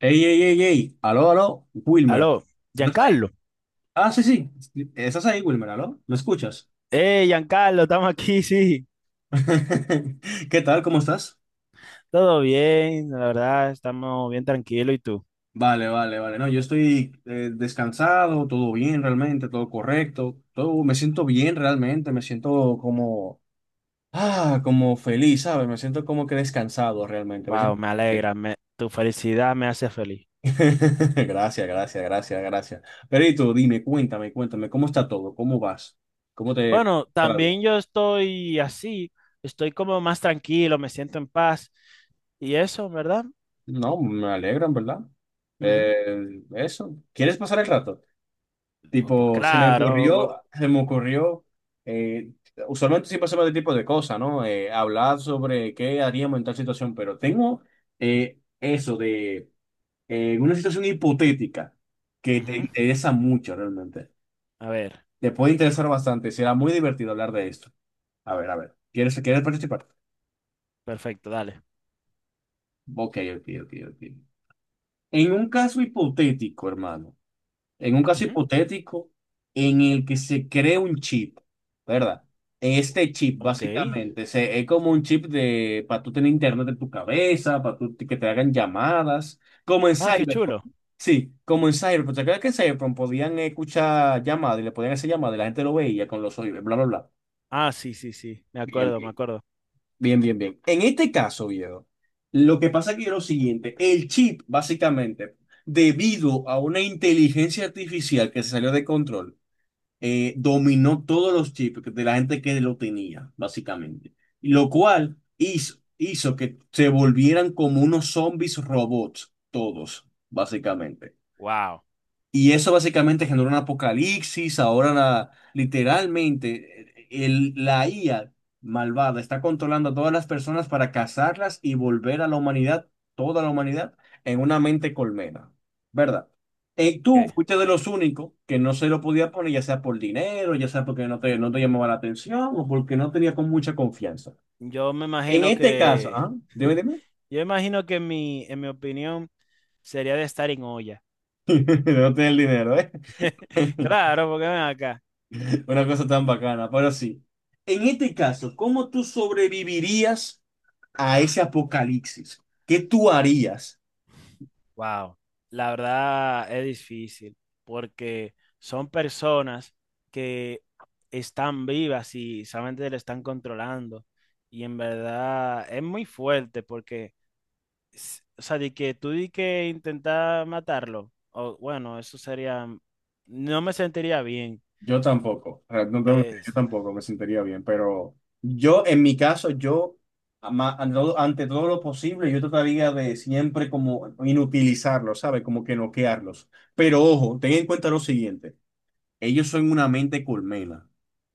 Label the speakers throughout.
Speaker 1: Ey, ey, ey, ey, aló, aló, Wilmer.
Speaker 2: Aló,
Speaker 1: ¿Estás ahí?
Speaker 2: Giancarlo.
Speaker 1: Ah, sí, sí, estás ahí, Wilmer, aló, ¿me escuchas?
Speaker 2: Giancarlo, estamos aquí, sí.
Speaker 1: ¿Qué tal? ¿Cómo estás?
Speaker 2: Todo bien, la verdad, estamos bien tranquilos. ¿Y tú?
Speaker 1: Vale, vale, vale, no, yo estoy descansado, todo bien realmente, todo correcto, todo, me siento bien realmente, me siento como, ah, como feliz, ¿sabes? Me siento como que descansado realmente, me
Speaker 2: Wow,
Speaker 1: siento
Speaker 2: me
Speaker 1: bien.
Speaker 2: alegra, tu felicidad me hace feliz.
Speaker 1: Gracias, gracias, gracias, gracias. Perito, dime, cuéntame, cuéntame, ¿cómo está todo? ¿Cómo vas? ¿Cómo te...
Speaker 2: Bueno, también yo estoy así, estoy como más tranquilo, me siento en paz. Y eso, ¿verdad?
Speaker 1: No, me alegran, ¿verdad?
Speaker 2: Ujú.
Speaker 1: Eso. ¿Quieres pasar el rato?
Speaker 2: Pues
Speaker 1: Tipo,
Speaker 2: claro. cu-
Speaker 1: eh, usualmente siempre hacemos este tipo de cosas, ¿no? Hablar sobre qué haríamos en tal situación, pero tengo eso de una situación hipotética que te
Speaker 2: ujú.
Speaker 1: interesa mucho realmente.
Speaker 2: A ver,
Speaker 1: Te puede interesar bastante, será muy divertido hablar de esto. A ver, ¿quieres participar?
Speaker 2: perfecto, dale.
Speaker 1: Ok, ok, ok, ok. En un caso hipotético, hermano. En un caso
Speaker 2: Ujú.
Speaker 1: hipotético en el que se cree un chip, ¿verdad? Este chip
Speaker 2: Ok.
Speaker 1: básicamente es como un chip de para tú tener internet en tu cabeza, para tú, que te hagan llamadas, como en
Speaker 2: Ah, qué
Speaker 1: Cyberpunk.
Speaker 2: chulo.
Speaker 1: Sí, como en Cyberpunk. ¿Te acuerdas que en Cyberpunk podían escuchar llamadas y le podían hacer llamadas y la gente lo veía con los oídos, bla, bla, bla?
Speaker 2: Ah, sí, sí, sí, me
Speaker 1: Bien,
Speaker 2: acuerdo, me
Speaker 1: bien,
Speaker 2: acuerdo.
Speaker 1: bien, bien, bien. En este caso, viejo, lo que pasa aquí es lo siguiente, el chip básicamente, debido a una inteligencia artificial que se salió de control, dominó todos los chips de la gente que lo tenía, básicamente. Y lo cual hizo que se volvieran como unos zombies robots, todos, básicamente.
Speaker 2: Wow.
Speaker 1: Y eso básicamente generó un apocalipsis. Ahora literalmente la IA malvada está controlando a todas las personas para cazarlas y volver a la humanidad, toda la humanidad, en una mente colmena, ¿verdad? Tú fuiste de los únicos que no se lo podía poner, ya sea por dinero, ya sea porque no te llamaba la atención o porque no tenía con mucha confianza.
Speaker 2: Yo me
Speaker 1: En
Speaker 2: imagino
Speaker 1: este caso,
Speaker 2: que,
Speaker 1: ¿ah? Dime, dime.
Speaker 2: yo imagino que en mi opinión sería de estar en olla.
Speaker 1: No tenía el dinero, ¿eh?
Speaker 2: Claro, porque ven acá.
Speaker 1: Una cosa tan bacana, pero sí. En este caso, ¿cómo tú sobrevivirías a ese apocalipsis? ¿Qué tú harías?
Speaker 2: Wow, la verdad es difícil porque son personas que están vivas y solamente le están controlando. Y en verdad es muy fuerte porque, o sea, de que tú di que intentar matarlo, o bueno, eso sería, no me sentiría bien.
Speaker 1: Yo tampoco, o sea, no te voy a mentir, yo
Speaker 2: Es-
Speaker 1: tampoco me sentiría bien, pero yo, en mi caso, yo, ante todo lo posible, yo trataría de siempre como inutilizarlos, ¿sabes? Como que noquearlos. Pero ojo, ten en cuenta lo siguiente, ellos son una mente colmena.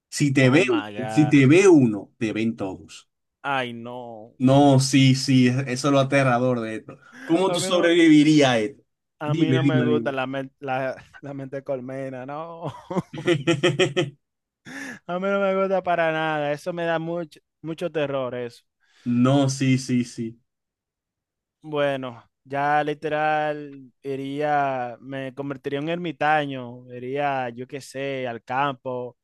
Speaker 1: Si te
Speaker 2: oh
Speaker 1: ven,
Speaker 2: my
Speaker 1: si te
Speaker 2: God.
Speaker 1: ve uno, te ven todos.
Speaker 2: Ay, no.
Speaker 1: No, sí, sí, eso es lo aterrador de esto. ¿Cómo
Speaker 2: A
Speaker 1: tú
Speaker 2: mí no,
Speaker 1: sobrevivirías a esto?
Speaker 2: a mí
Speaker 1: Dime,
Speaker 2: no me
Speaker 1: dime,
Speaker 2: gusta
Speaker 1: dime.
Speaker 2: la, la mente colmena, no. A mí no me gusta para nada. Eso me da mucho, mucho terror, eso.
Speaker 1: No, sí, sí, sí.
Speaker 2: Bueno, ya literal iría, me convertiría en un ermitaño. Iría, yo qué sé, al campo,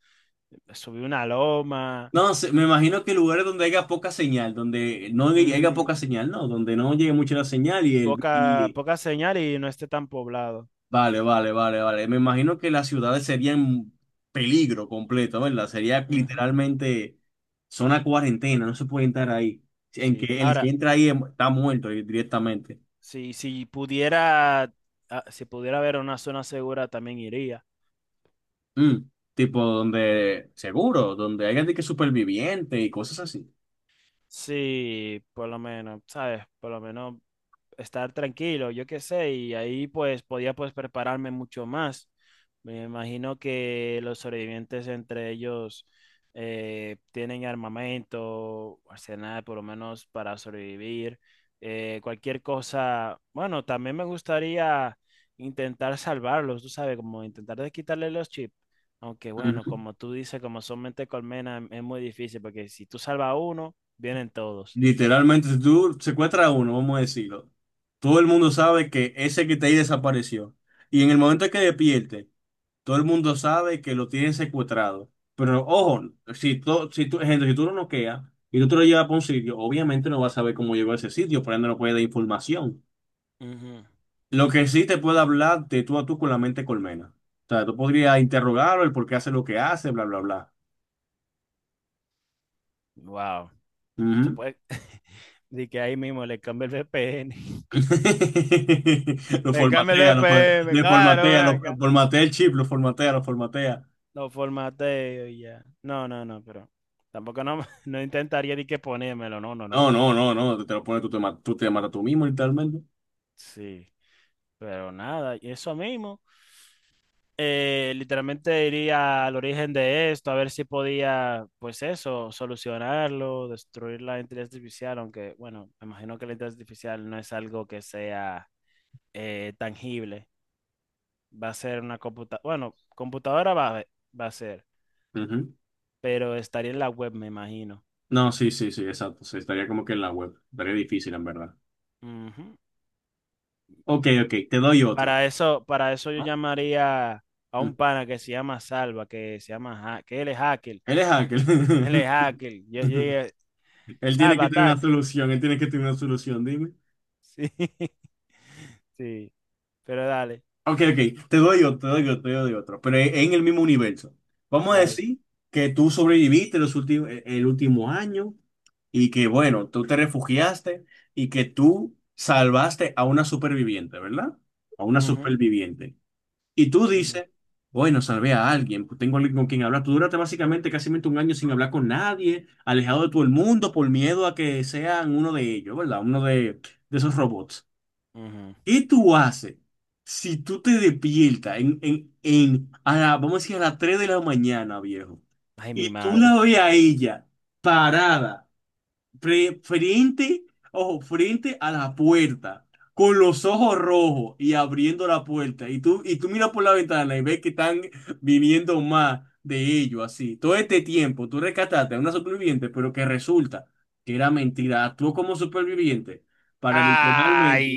Speaker 2: subir una loma.
Speaker 1: No, sé, me imagino que lugares donde haya poca señal, donde no hay- haya
Speaker 2: Ujú.
Speaker 1: poca señal, no, donde no llegue mucho la señal y el...
Speaker 2: Poca,
Speaker 1: Y,
Speaker 2: poca señal y no esté tan poblado.
Speaker 1: vale, vale, vale, vale. Me imagino que las ciudades serían peligro completo, ¿verdad? Sería
Speaker 2: Ujú.
Speaker 1: literalmente zona cuarentena, no se puede entrar ahí. En
Speaker 2: Sí.
Speaker 1: que el que
Speaker 2: Ahora,
Speaker 1: entra ahí está muerto directamente.
Speaker 2: si pudiera, si pudiera haber una zona segura, también iría.
Speaker 1: Mm, tipo donde, seguro, donde hay gente que superviviente y cosas así.
Speaker 2: Sí, por lo menos, ¿sabes? Por lo menos estar tranquilo, yo qué sé, y ahí pues podía pues prepararme mucho más. Me imagino que los sobrevivientes entre ellos tienen armamento, arsenal por lo menos para sobrevivir, cualquier cosa. Bueno, también me gustaría intentar salvarlos, tú sabes, como intentar de quitarle los chips. Aunque bueno,
Speaker 1: Ujú.
Speaker 2: como tú dices, como son mente colmena, es muy difícil porque si tú salvas a uno, vienen todos.
Speaker 1: Literalmente, si tú secuestras a uno, vamos a decirlo, todo el mundo sabe que ese que está ahí desapareció. Y en el momento que despierte, todo el mundo sabe que lo tienen secuestrado. Pero ojo, si tú, gente, si tú lo noqueas y tú te lo llevas para un sitio, obviamente no vas a saber cómo llegó a ese sitio, por ende no puede dar información. Lo que sí te puede hablar de tú a tú con la mente colmena. O sea, tú podrías interrogarlo, el por qué hace lo que hace, bla, bla, bla.
Speaker 2: Wow. Se
Speaker 1: Ujú.
Speaker 2: puede. De que ahí mismo le cambia el VPN.
Speaker 1: Lo
Speaker 2: Le cambia el
Speaker 1: formatea,
Speaker 2: VPN,
Speaker 1: le
Speaker 2: claro, ven
Speaker 1: formatea, lo
Speaker 2: acá.
Speaker 1: formatea el chip, lo formatea, lo formatea.
Speaker 2: Lo formateo y ya. No, no, no, pero tampoco no, no intentaría ni que ponérmelo, no, no,
Speaker 1: No,
Speaker 2: no.
Speaker 1: no, no, no, te lo pones, tú te matas tú mismo, literalmente.
Speaker 2: Sí, pero nada, y eso mismo. Literalmente iría al origen de esto, a ver si podía, pues eso, solucionarlo, destruir la inteligencia artificial, aunque, bueno, me imagino que la inteligencia artificial no es algo que sea tangible. Va a ser una computadora. Bueno, computadora va a, haber- va a ser,
Speaker 1: Ujú.
Speaker 2: pero estaría en la web, me imagino.
Speaker 1: No, sí, sí, sí, exacto. Sí, estaría como que en la web. Estaría difícil, en verdad.
Speaker 2: Ujú.
Speaker 1: Ok, ok, te doy otro.
Speaker 2: Para eso yo
Speaker 1: ¿No?
Speaker 2: llamaría a
Speaker 1: Mm.
Speaker 2: un pana que se llama Salva, que se llama, ha- que él es hacker.
Speaker 1: Él es
Speaker 2: Él
Speaker 1: hacker.
Speaker 2: es hacker. Yo llegué,
Speaker 1: Él tiene
Speaker 2: Salva,
Speaker 1: que tener una
Speaker 2: attack.
Speaker 1: solución, él tiene que tener una solución.
Speaker 2: Sí, sí, pero dale,
Speaker 1: Ok, ok, te doy otro, te doy otro, te doy otro, pero en el mismo universo. Vamos a
Speaker 2: dale.
Speaker 1: decir que tú sobreviviste el último año y que, bueno, tú te refugiaste y que tú salvaste a una superviviente, ¿verdad? A una
Speaker 2: Ujú,
Speaker 1: superviviente. Y tú
Speaker 2: ujú,
Speaker 1: dices, bueno, salvé a alguien, pues tengo alguien con quien hablar. Tú duraste básicamente casi un año sin hablar con nadie, alejado de todo el mundo por miedo a que sean uno de ellos, ¿verdad? De esos robots.
Speaker 2: ujú.
Speaker 1: ¿Qué tú haces si tú te despiertas vamos a decir, a las 3 de la mañana, viejo?
Speaker 2: Ay, mi
Speaker 1: Y tú
Speaker 2: madre.
Speaker 1: la ves a ella parada, frente, ojo, frente a la puerta, con los ojos rojos y abriendo la puerta. Y tú miras por la ventana y ves que están viniendo más de ellos, así. Todo este tiempo tú rescataste a una superviviente, pero que resulta que era mentira. Actuó como superviviente para
Speaker 2: Ay.
Speaker 1: literalmente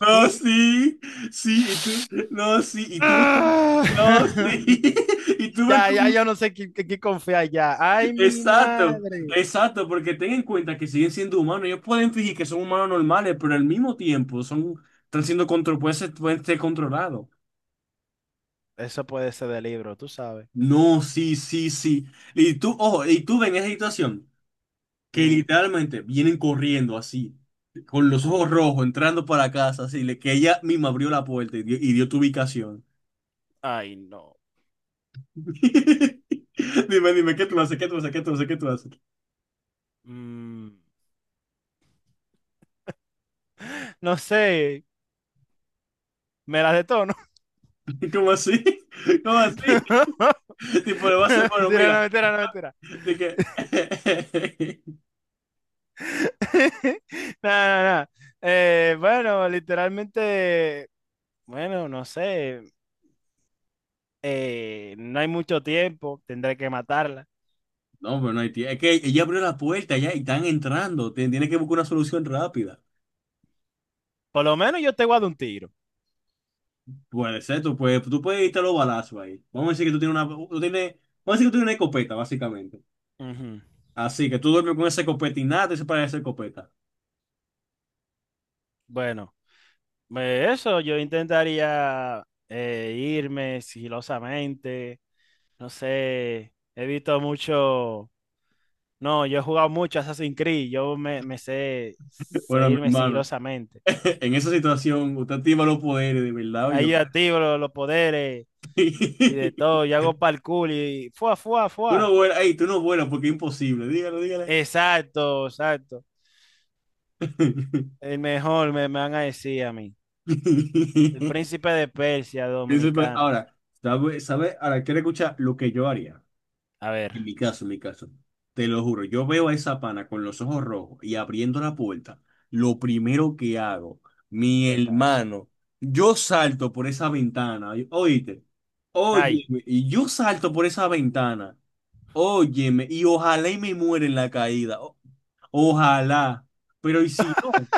Speaker 1: no, sí, sí, y tú, no, sí, y tuve con,
Speaker 2: Ah.
Speaker 1: no, sí, y tuve
Speaker 2: Ya, ya,
Speaker 1: con,
Speaker 2: yo no sé qué confiar ya. Ay, mi
Speaker 1: exacto,
Speaker 2: madre.
Speaker 1: exacto, porque ten en cuenta que siguen siendo humanos, ellos pueden fingir que son humanos normales, pero al mismo tiempo son, están siendo control, pueden ser controlados.
Speaker 2: Eso puede ser de libro, tú sabes.
Speaker 1: No, sí, sí, sí, y tú, ojo, y tú ves en esa situación que
Speaker 2: Ujú.
Speaker 1: literalmente vienen corriendo así, con los
Speaker 2: Ay,
Speaker 1: ojos rojos, entrando para casa, así, que ella misma abrió la puerta y dio tu ubicación.
Speaker 2: ay, no.
Speaker 1: Dime, dime, ¿qué tú haces? ¿Qué tú haces? ¿Qué tú haces? ¿Qué tú haces?
Speaker 2: Mm, no sé, me las detono.
Speaker 1: ¿Cómo así? ¿Cómo así? Tipo, le va a hacer, bueno,
Speaker 2: Mentira, no,
Speaker 1: mira,
Speaker 2: mentira, no, mentira.
Speaker 1: de que...
Speaker 2: Nada, nada, bueno, literalmente, bueno, no sé. No hay mucho tiempo, tendré que matarla.
Speaker 1: No, pero no hay tie- es que ella abrió la puerta ya y están entrando. Tienes que buscar una solución rápida.
Speaker 2: Por lo menos yo te guardo un tiro.
Speaker 1: Puede ser, tú puedes irte a los balazos ahí. Vamos a decir que tú tienes una... Tú tienes, vamos a decir que tú tienes una escopeta, básicamente.
Speaker 2: Ujú.
Speaker 1: Así que tú duermes con esa escopeta y nada te separa de esa escopeta.
Speaker 2: Bueno. Eso, yo intentaría irme sigilosamente, no sé, he visto mucho, no, yo he jugado mucho Assassin's Creed, yo sé
Speaker 1: Bueno, mi
Speaker 2: irme
Speaker 1: hermano,
Speaker 2: sigilosamente.
Speaker 1: en esa situación, usted activa los poderes, de verdad, o
Speaker 2: Ahí
Speaker 1: yo.
Speaker 2: yo activo los poderes y de todo, yo hago parkour y fuá, fuá,
Speaker 1: Tú no
Speaker 2: fuá.
Speaker 1: vuelas, ey, tú no vuelas porque es imposible. Dígalo, dígale.
Speaker 2: Exacto, exacto. El mejor me, me van a decir a mí. El príncipe de Persia
Speaker 1: Pienso, pues,
Speaker 2: dominicano.
Speaker 1: ahora, ¿sabe, sabe? Ahora, quiero escuchar lo que yo haría.
Speaker 2: A ver,
Speaker 1: En mi caso, en mi caso. Te lo juro, yo veo a esa pana con los ojos rojos y abriendo la puerta. Lo primero que hago,
Speaker 2: un
Speaker 1: mi
Speaker 2: pepazo.
Speaker 1: hermano, yo salto por esa ventana. Oíste,
Speaker 2: Ay,
Speaker 1: óyeme, y yo salto por esa ventana. Óyeme, y ojalá y me muera en la caída. Ojalá. Pero ¿y si no?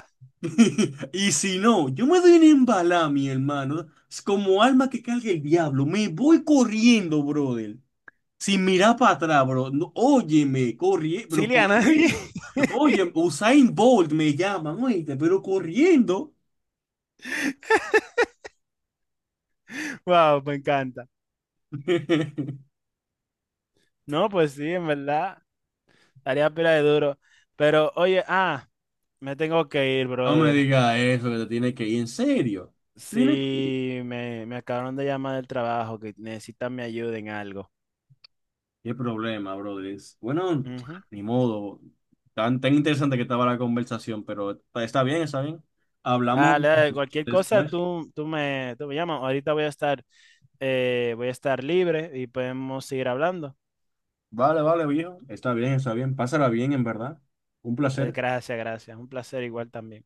Speaker 1: Y si no, yo me doy una embalada, mi hermano. Es como alma que carga el diablo. Me voy corriendo, brother. Sin mirar para atrás, bro. No, óyeme, corriendo, pero
Speaker 2: Siliana.
Speaker 1: corriendo. Oye, Usain Bolt me llaman, oíste, pero corriendo.
Speaker 2: Wow, me encanta. No, pues sí, en verdad, estaría pila de duro. Pero oye, me tengo que ir,
Speaker 1: No me
Speaker 2: brother.
Speaker 1: digas eso, que te tienes que ir en serio. Tienes que...
Speaker 2: Sí, me acabaron de llamar del trabajo, que necesitan mi ayuda en algo.
Speaker 1: Qué problema, brother. Bueno,
Speaker 2: Ujú.
Speaker 1: ni modo. Tan, tan interesante que estaba la conversación, pero está bien, está bien. Hablamos
Speaker 2: Dale, dale, cualquier cosa,
Speaker 1: después.
Speaker 2: tú me llamas. Ahorita voy a estar libre y podemos seguir hablando.
Speaker 1: Vale, vale, viejo. Está bien, está bien. Pásala bien, en verdad. Un placer.
Speaker 2: Gracias, gracias. Un placer igual también.